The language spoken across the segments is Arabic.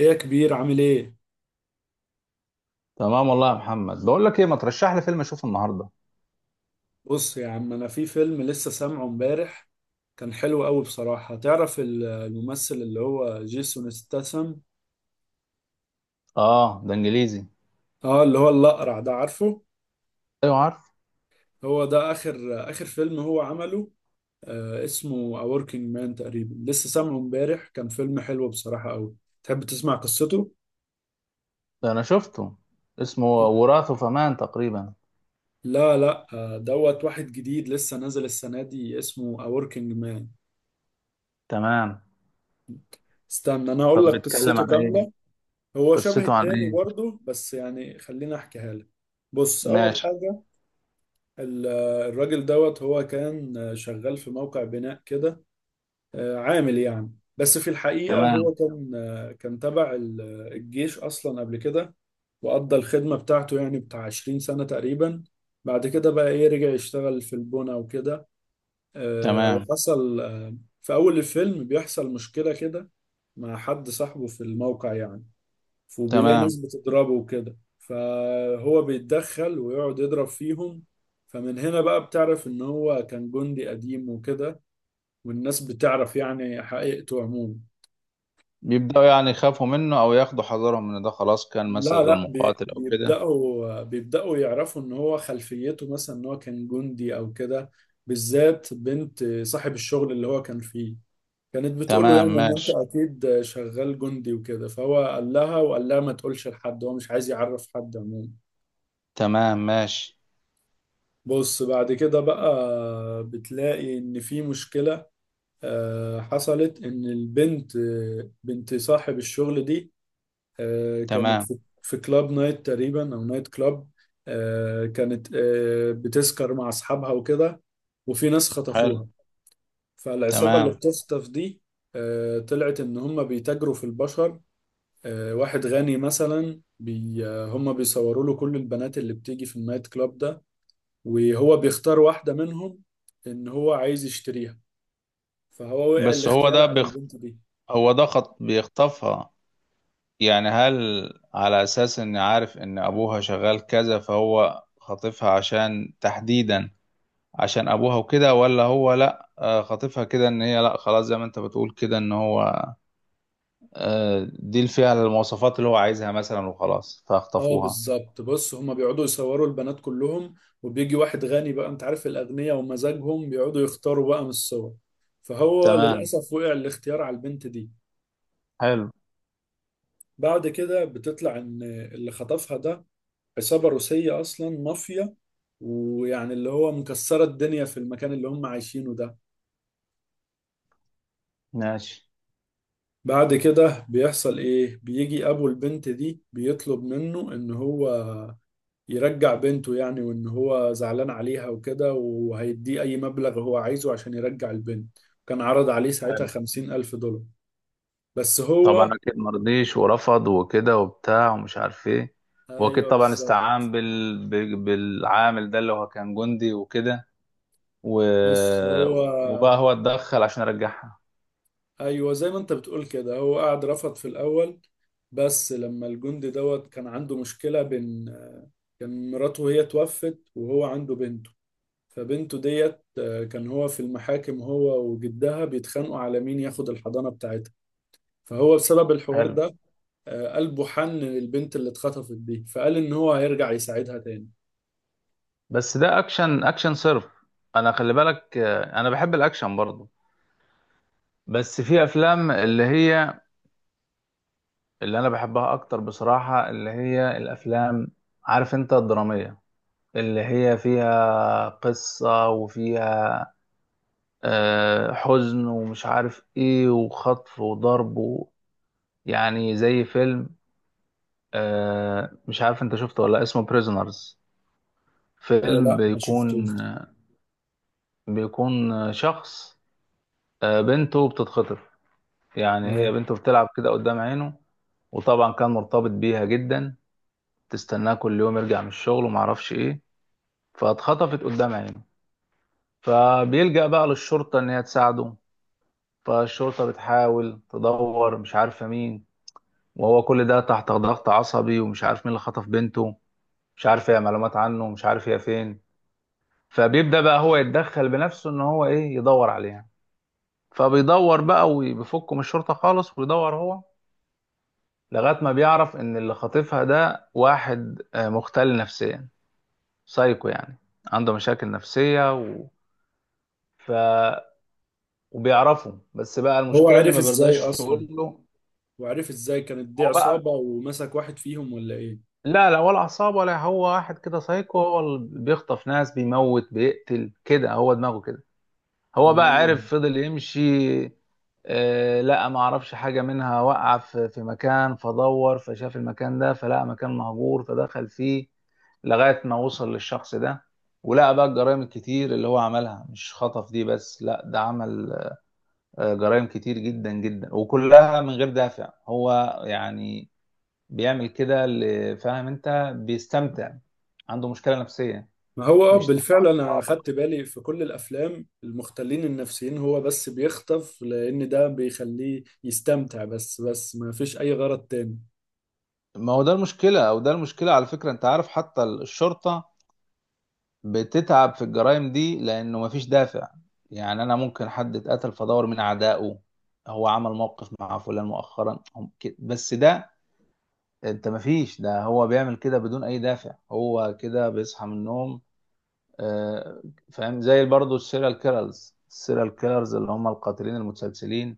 ايه يا كبير، عامل ايه؟ تمام والله يا محمد، بقول لك ايه؟ ما ترشح لي فيلم اشوفه النهارده. بص يا عم، انا في فيلم لسه سامعه امبارح، كان حلو قوي بصراحة. تعرف الممثل اللي هو جيسون ستاثام؟ اه، ده انجليزي. اه اللي هو الأقرع ده، عارفه؟ ايوه عارف. هو ده اخر فيلم هو عمله. اسمه A Working Man تقريبا، لسه سامعه امبارح، كان فيلم حلو بصراحة قوي. تحب تسمع قصته؟ ده انا شفته، اسمه وراث فمان تقريبا. لا لا، دوت واحد جديد لسه نازل السنة دي اسمه A Working Man. تمام. استنى انا اقول طب لك بيتكلم قصته عن ايه؟ كاملة. هو شبه قصته عن التاني ايه؟ برضه، بس يعني خليني احكيها لك. بص، اول ماشي. حاجه ال- الراجل دوت هو كان شغال في موقع بناء كده، عامل يعني، بس في الحقيقه تمام. هو كان تبع الجيش اصلا قبل كده، وقضى الخدمه بتاعته يعني بتاع 20 سنه تقريبا. بعد كده بقى ايه، رجع يشتغل في البناء وكده، تمام. وحصل في اول الفيلم بيحصل مشكله كده مع حد صاحبه في الموقع يعني، وبيلاقي تمام. ناس بتضربه وكده، فهو بيتدخل ويقعد يضرب فيهم. فمن هنا بقى بتعرف ان هو كان جندي قديم وكده، والناس بتعرف يعني حقيقته عموما. بيبداوا يخافوا منه او ياخدوا حذرهم ان ده خلاص كان لا مثلا لا، بي- مقاتل او كده؟ بيبدأوا بيبدأوا يعرفوا ان هو خلفيته مثلا ان هو كان جندي او كده. بالذات بنت صاحب الشغل اللي هو كان فيه، كانت بتقول له تمام، يعني ان انت ماشي. اكيد شغال جندي وكده. فهو قال لها ما تقولش لحد، هو مش عايز يعرف حد عموما. تمام، ماشي. بص بعد كده بقى، بتلاقي ان في مشكلة حصلت ان البنت، بنت صاحب الشغل دي، كانت تمام. في كلاب نايت تقريبا او نايت كلاب. كانت بتسكر مع اصحابها وكده، وفي ناس حلو. خطفوها. فالعصابة اللي تمام. بتخطف دي طلعت ان هم بيتاجروا في البشر. واحد غني مثلا، بي آه، هم بيصوروا له كل البنات اللي بتيجي في النايت كلاب ده، وهو بيختار واحدة منهم إن هو عايز يشتريها، فهو وقع بس هو الاختيار ده على بيخ... البنت دي. هو ده بيخطفها. يعني هل، على أساس إن عارف إن أبوها شغال كذا، فهو خاطفها عشان تحديدا عشان أبوها وكده؟ ولا هو لأ، خاطفها كده إن هي، لأ خلاص زي ما أنت بتقول كده، إن هو دي اللي فيها المواصفات اللي هو عايزها مثلا وخلاص اه فاخطفوها. بالظبط، بص هما بيقعدوا يصوروا البنات كلهم، وبيجي واحد غني بقى، انت عارف الأغنياء ومزاجهم، بيقعدوا يختاروا بقى من الصور، فهو تمام. للأسف وقع الاختيار على البنت دي. حلو. بعد كده بتطلع إن اللي خطفها ده عصابة روسية أصلا، مافيا، ويعني اللي هو مكسرة الدنيا في المكان اللي هم عايشينه ده. ماشي. بعد كده بيحصل ايه، بيجي ابو البنت دي بيطلب منه ان هو يرجع بنته يعني، وان هو زعلان عليها وكده، وهيديه اي مبلغ هو عايزه عشان يرجع البنت. كان عرض عليه ساعتها حلو. 50,000 دولار. بس طبعا هو أكيد مرضيش ورفض وكده وبتاع ومش عارف إيه. وأكيد ايوه طبعا بالظبط، استعان بالعامل ده اللي هو كان جندي وكده. و... بص هو وبقى هو اتدخل عشان ارجعها. ايوه زي ما انت بتقول كده، هو قعد رفض في الاول، بس لما الجندي دوت كان عنده مشكلة، بين كان مراته هي توفت وهو عنده بنت، فبنته ديت كان هو في المحاكم هو وجدها بيتخانقوا على مين ياخد الحضانة بتاعتها. فهو بسبب الحوار حلو. ده قلبه حن للبنت اللي اتخطفت دي، فقال إن هو هيرجع يساعدها تاني. بس ده اكشن، اكشن صرف. انا خلي بالك، انا بحب الاكشن برضه، بس في افلام اللي انا بحبها اكتر بصراحة، اللي هي الافلام، عارف انت، الدرامية، اللي هي فيها قصة وفيها حزن ومش عارف ايه وخطف وضرب و... يعني زي فيلم، مش عارف انت شفته ولا لأ، اسمه بريزونرز. فيلم لا ما شفتوش بيكون، دي. بيكون شخص، بنته بتتخطف. يعني آه. هي بنته بتلعب كده قدام عينه، وطبعا كان مرتبط بيها جدا، تستناه كل يوم يرجع من الشغل ومعرفش ايه. فاتخطفت قدام عينه، فبيلجأ بقى للشرطة ان هي تساعده. فالشرطة بتحاول تدور، مش عارفة مين، وهو كل ده تحت ضغط عصبي ومش عارف مين اللي خطف بنته، مش عارف هي معلومات عنه ومش عارف هي فين. فبيبدأ بقى هو يتدخل بنفسه ان هو ايه، يدور عليها. فبيدور بقى وبيفكه من الشرطة خالص ويدور هو، لغاية ما بيعرف إن اللي خاطفها ده واحد مختل نفسيا، سايكو يعني، عنده مشاكل نفسية و... ف... وبيعرفه، بس بقى هو المشكلة إن عرف ما إزاي بيرضاش أصلا، يقول له. وعرف إزاي كانت دي هو بقى، عصابة ومسك واحد فيهم ولا إيه؟ لا لا، ولا عصابة ولا، هو واحد كده سايكو، هو اللي بيخطف ناس، بيموت، بيقتل كده، هو دماغه كده. هو بقى آه. عرف، فضل يمشي. آه لقى، ما عرفش حاجة منها، وقع في مكان، فدور، فشاف المكان ده، فلقى مكان مهجور، فدخل فيه، لغاية ما وصل للشخص ده، ولقى بقى الجرائم الكتير اللي هو عملها، مش خطف دي بس، لا ده عمل جرائم كتير جدا جدا، وكلها من غير دافع هو يعني، بيعمل كده، فاهم انت، بيستمتع، عنده مشكلة نفسية. ما هو مش طبعا. بالفعل أنا أخدت بالي في كل الأفلام المختلين النفسيين، هو بس بيخطف لأن ده بيخليه يستمتع، بس ما فيش أي غرض تاني. ما هو ده المشكلة، أو ده المشكلة على فكرة. أنت عارف، حتى الشرطة بتتعب في الجرائم دي لأنه مفيش دافع. يعني أنا ممكن حد اتقتل، فدور من أعدائه، هو عمل موقف مع فلان مؤخرا، هم كده. بس ده، أنت مفيش ده، هو بيعمل كده بدون أي دافع، هو كده بيصحى من النوم. آه، فاهم، زي برضه السيريال كيلرز اللي هم القاتلين المتسلسلين.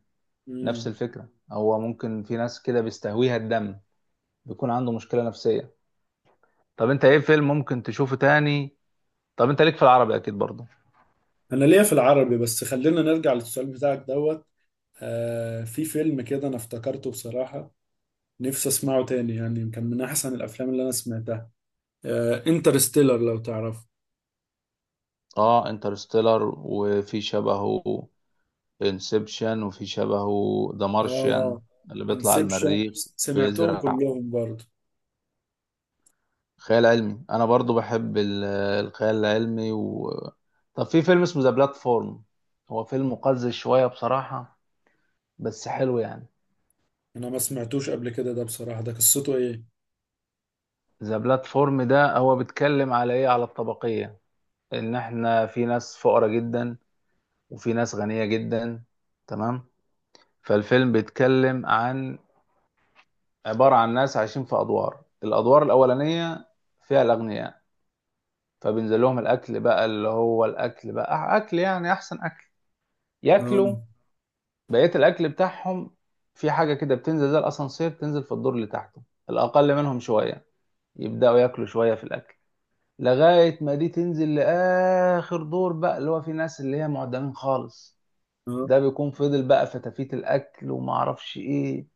نفس مم. الفكرة، هو ممكن في ناس كده بيستهويها الدم، بيكون عنده مشكلة نفسية. طب انت ايه فيلم ممكن تشوفه تاني؟ طب انت ليك في العربي اكيد برضه؟ انا ليا في العربي، بس خلينا نرجع للسؤال بتاعك دوت. في فيلم كده انا افتكرته بصراحة، نفسي اسمعه تاني يعني، كان من احسن الافلام اللي انا سمعتها. انترستيلر لو تعرفه. اه انترستيلر، وفي شبهه انسبشن، وفي شبهه ذا مارشيان، اه اللي بيطلع على انسبشن المريخ، سمعتهم بيزرع. كلهم برضه. خيال علمي، انا برضو بحب الخيال العلمي و... طب في فيلم اسمه ذا بلاتفورم، هو فيلم مقزز شوية بصراحة، بس حلو يعني. انا ما سمعتوش قبل كده ده بصراحة، ده قصته ايه؟ ذا بلاتفورم ده هو بيتكلم على ايه، على الطبقية. ان احنا في ناس فقراء جدا، وفي ناس غنية جدا. تمام. فالفيلم بيتكلم عن، عبارة عن ناس عايشين في أدوار، الأدوار الأولانية فيها الأغنياء، فبينزل لهم الأكل بقى، اللي هو الأكل بقى أكل يعني أحسن أكل، اه، ياكلوا. بقية الأكل بتاعهم، في حاجة كده بتنزل زي الأسانسير، تنزل في الدور اللي تحته، الأقل منهم شوية، يبدأوا ياكلوا شوية في الأكل، لغاية ما دي تنزل لآخر دور بقى، اللي هو في ناس اللي هي معدمين خالص، اه، ده بيكون فضل بقى في تفيت الأكل ومعرفش إيه،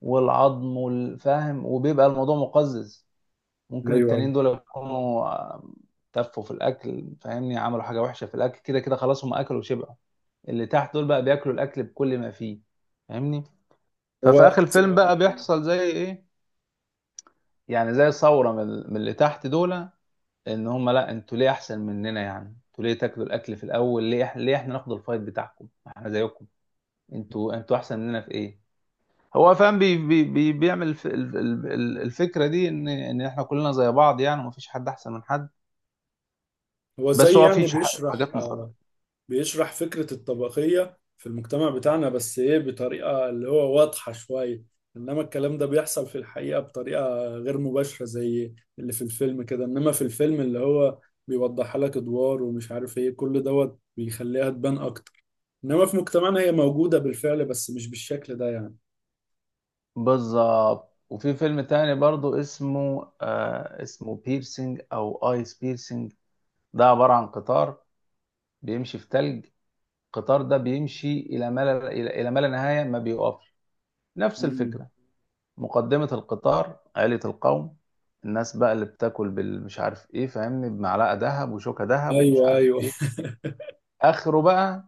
والعظم والفهم، وبيبقى الموضوع مقزز. ممكن ايوه، أيوة. التانيين دول يكونوا تفوا في الاكل، فاهمني، عملوا حاجه وحشه في الاكل، كده كده خلاص هم اكلوا وشبعوا، اللي تحت دول بقى بياكلوا الاكل بكل ما فيه، فاهمني. ففي هو اخر زي الفيلم بقى بيحصل زي ايه، يعني زي ثوره من اللي تحت دول، ان هم لا، انتوا ليه احسن مننا؟ يعني انتوا ليه تاكلوا الاكل في الاول؟ ليه ليه احنا ناخد الفايت بتاعكم؟ احنا زيكم، انتوا انتوا احسن مننا في ايه؟ هو فاهم، بي بي بي بيعمل الفكره دي، ان ان احنا كلنا زي بعض يعني، ومفيش حد احسن من حد. هو بس زي هو في يعني بيشرح حاجات آه، مقارنه. بيشرح فكرة الطبقية في المجتمع بتاعنا، بس ايه، بطريقة اللي هو واضحة شوية، انما الكلام ده بيحصل في الحقيقة بطريقة غير مباشرة زي اللي في الفيلم كده. انما في الفيلم اللي هو بيوضحها لك ادوار ومش عارف ايه، كل دوت بيخليها تبان اكتر، انما في مجتمعنا هي موجودة بالفعل بس مش بالشكل ده يعني. بالظبط. وفي فيلم تاني برضو اسمه آه، اسمه بيرسينج او ايس بيرسينج، ده عباره عن قطار بيمشي في تلج، القطار ده بيمشي الى ما لا الى إلى ما لا نهايه، ما بيقفش. نفس مم. الفكره. مقدمه القطار عائله القوم، الناس بقى اللي بتاكل بالمش عارف ايه، فاهمني، بمعلقه ذهب وشوكه ذهب ومش ايوه، عارف ايوه. ايه. اخره بقى،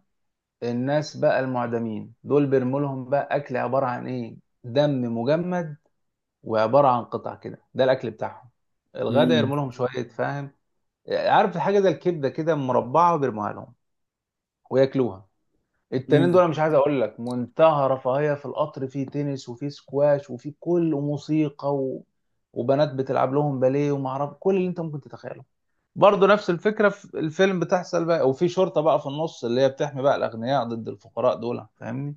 الناس بقى المعدمين دول بيرموا لهم بقى اكل، عباره عن ايه، دم مجمد، وعباره عن قطع كده، ده الاكل بتاعهم. الغدا امم. يرموا لهم شويه، فاهم، عارف حاجه زي الكبده كده مربعه وبيرموها لهم، وياكلوها. التانيين امم. دول أنا مش عايز اقول لك، منتهى رفاهيه في القطر، في تنس وفي سكواش وفي كل موسيقى و... وبنات بتلعب لهم باليه، وما اعرف، كل اللي انت ممكن تتخيله. برضه نفس الفكره في الفيلم بتحصل بقى، وفي شرطه بقى في النص اللي هي بتحمي بقى الاغنياء ضد الفقراء دول، فاهمني.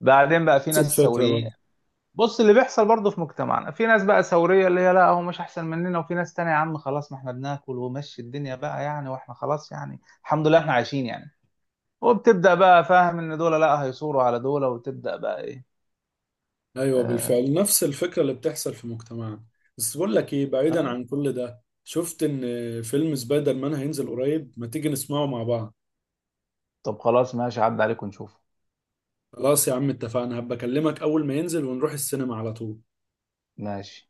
بعدين بقى في نفس ناس الفكرة ثوريين. برضه، بص اللي بيحصل برضه في مجتمعنا، في ناس بقى ثوريه اللي هي لا، هو مش احسن مننا، وفي ناس تانية، يا عم خلاص، ما احنا بناكل ومشي الدنيا بقى يعني، واحنا خلاص يعني الحمد لله احنا عايشين يعني. وبتبدا بقى فاهم، ان دول لا، هيثوروا على دول، وتبدا بقى ايه. ايوه آه. بالفعل نفس الفكره اللي بتحصل في مجتمعنا. بس بقول لك ايه، بعيدا آه. عن كل ده، شفت ان فيلم سبايدر مان هينزل قريب، ما تيجي نسمعه مع بعض. طب خلاص ماشي، عدى عليكم نشوف. خلاص يا عم اتفقنا، هبقى اكلمك اول ما ينزل ونروح السينما على طول. ماشي.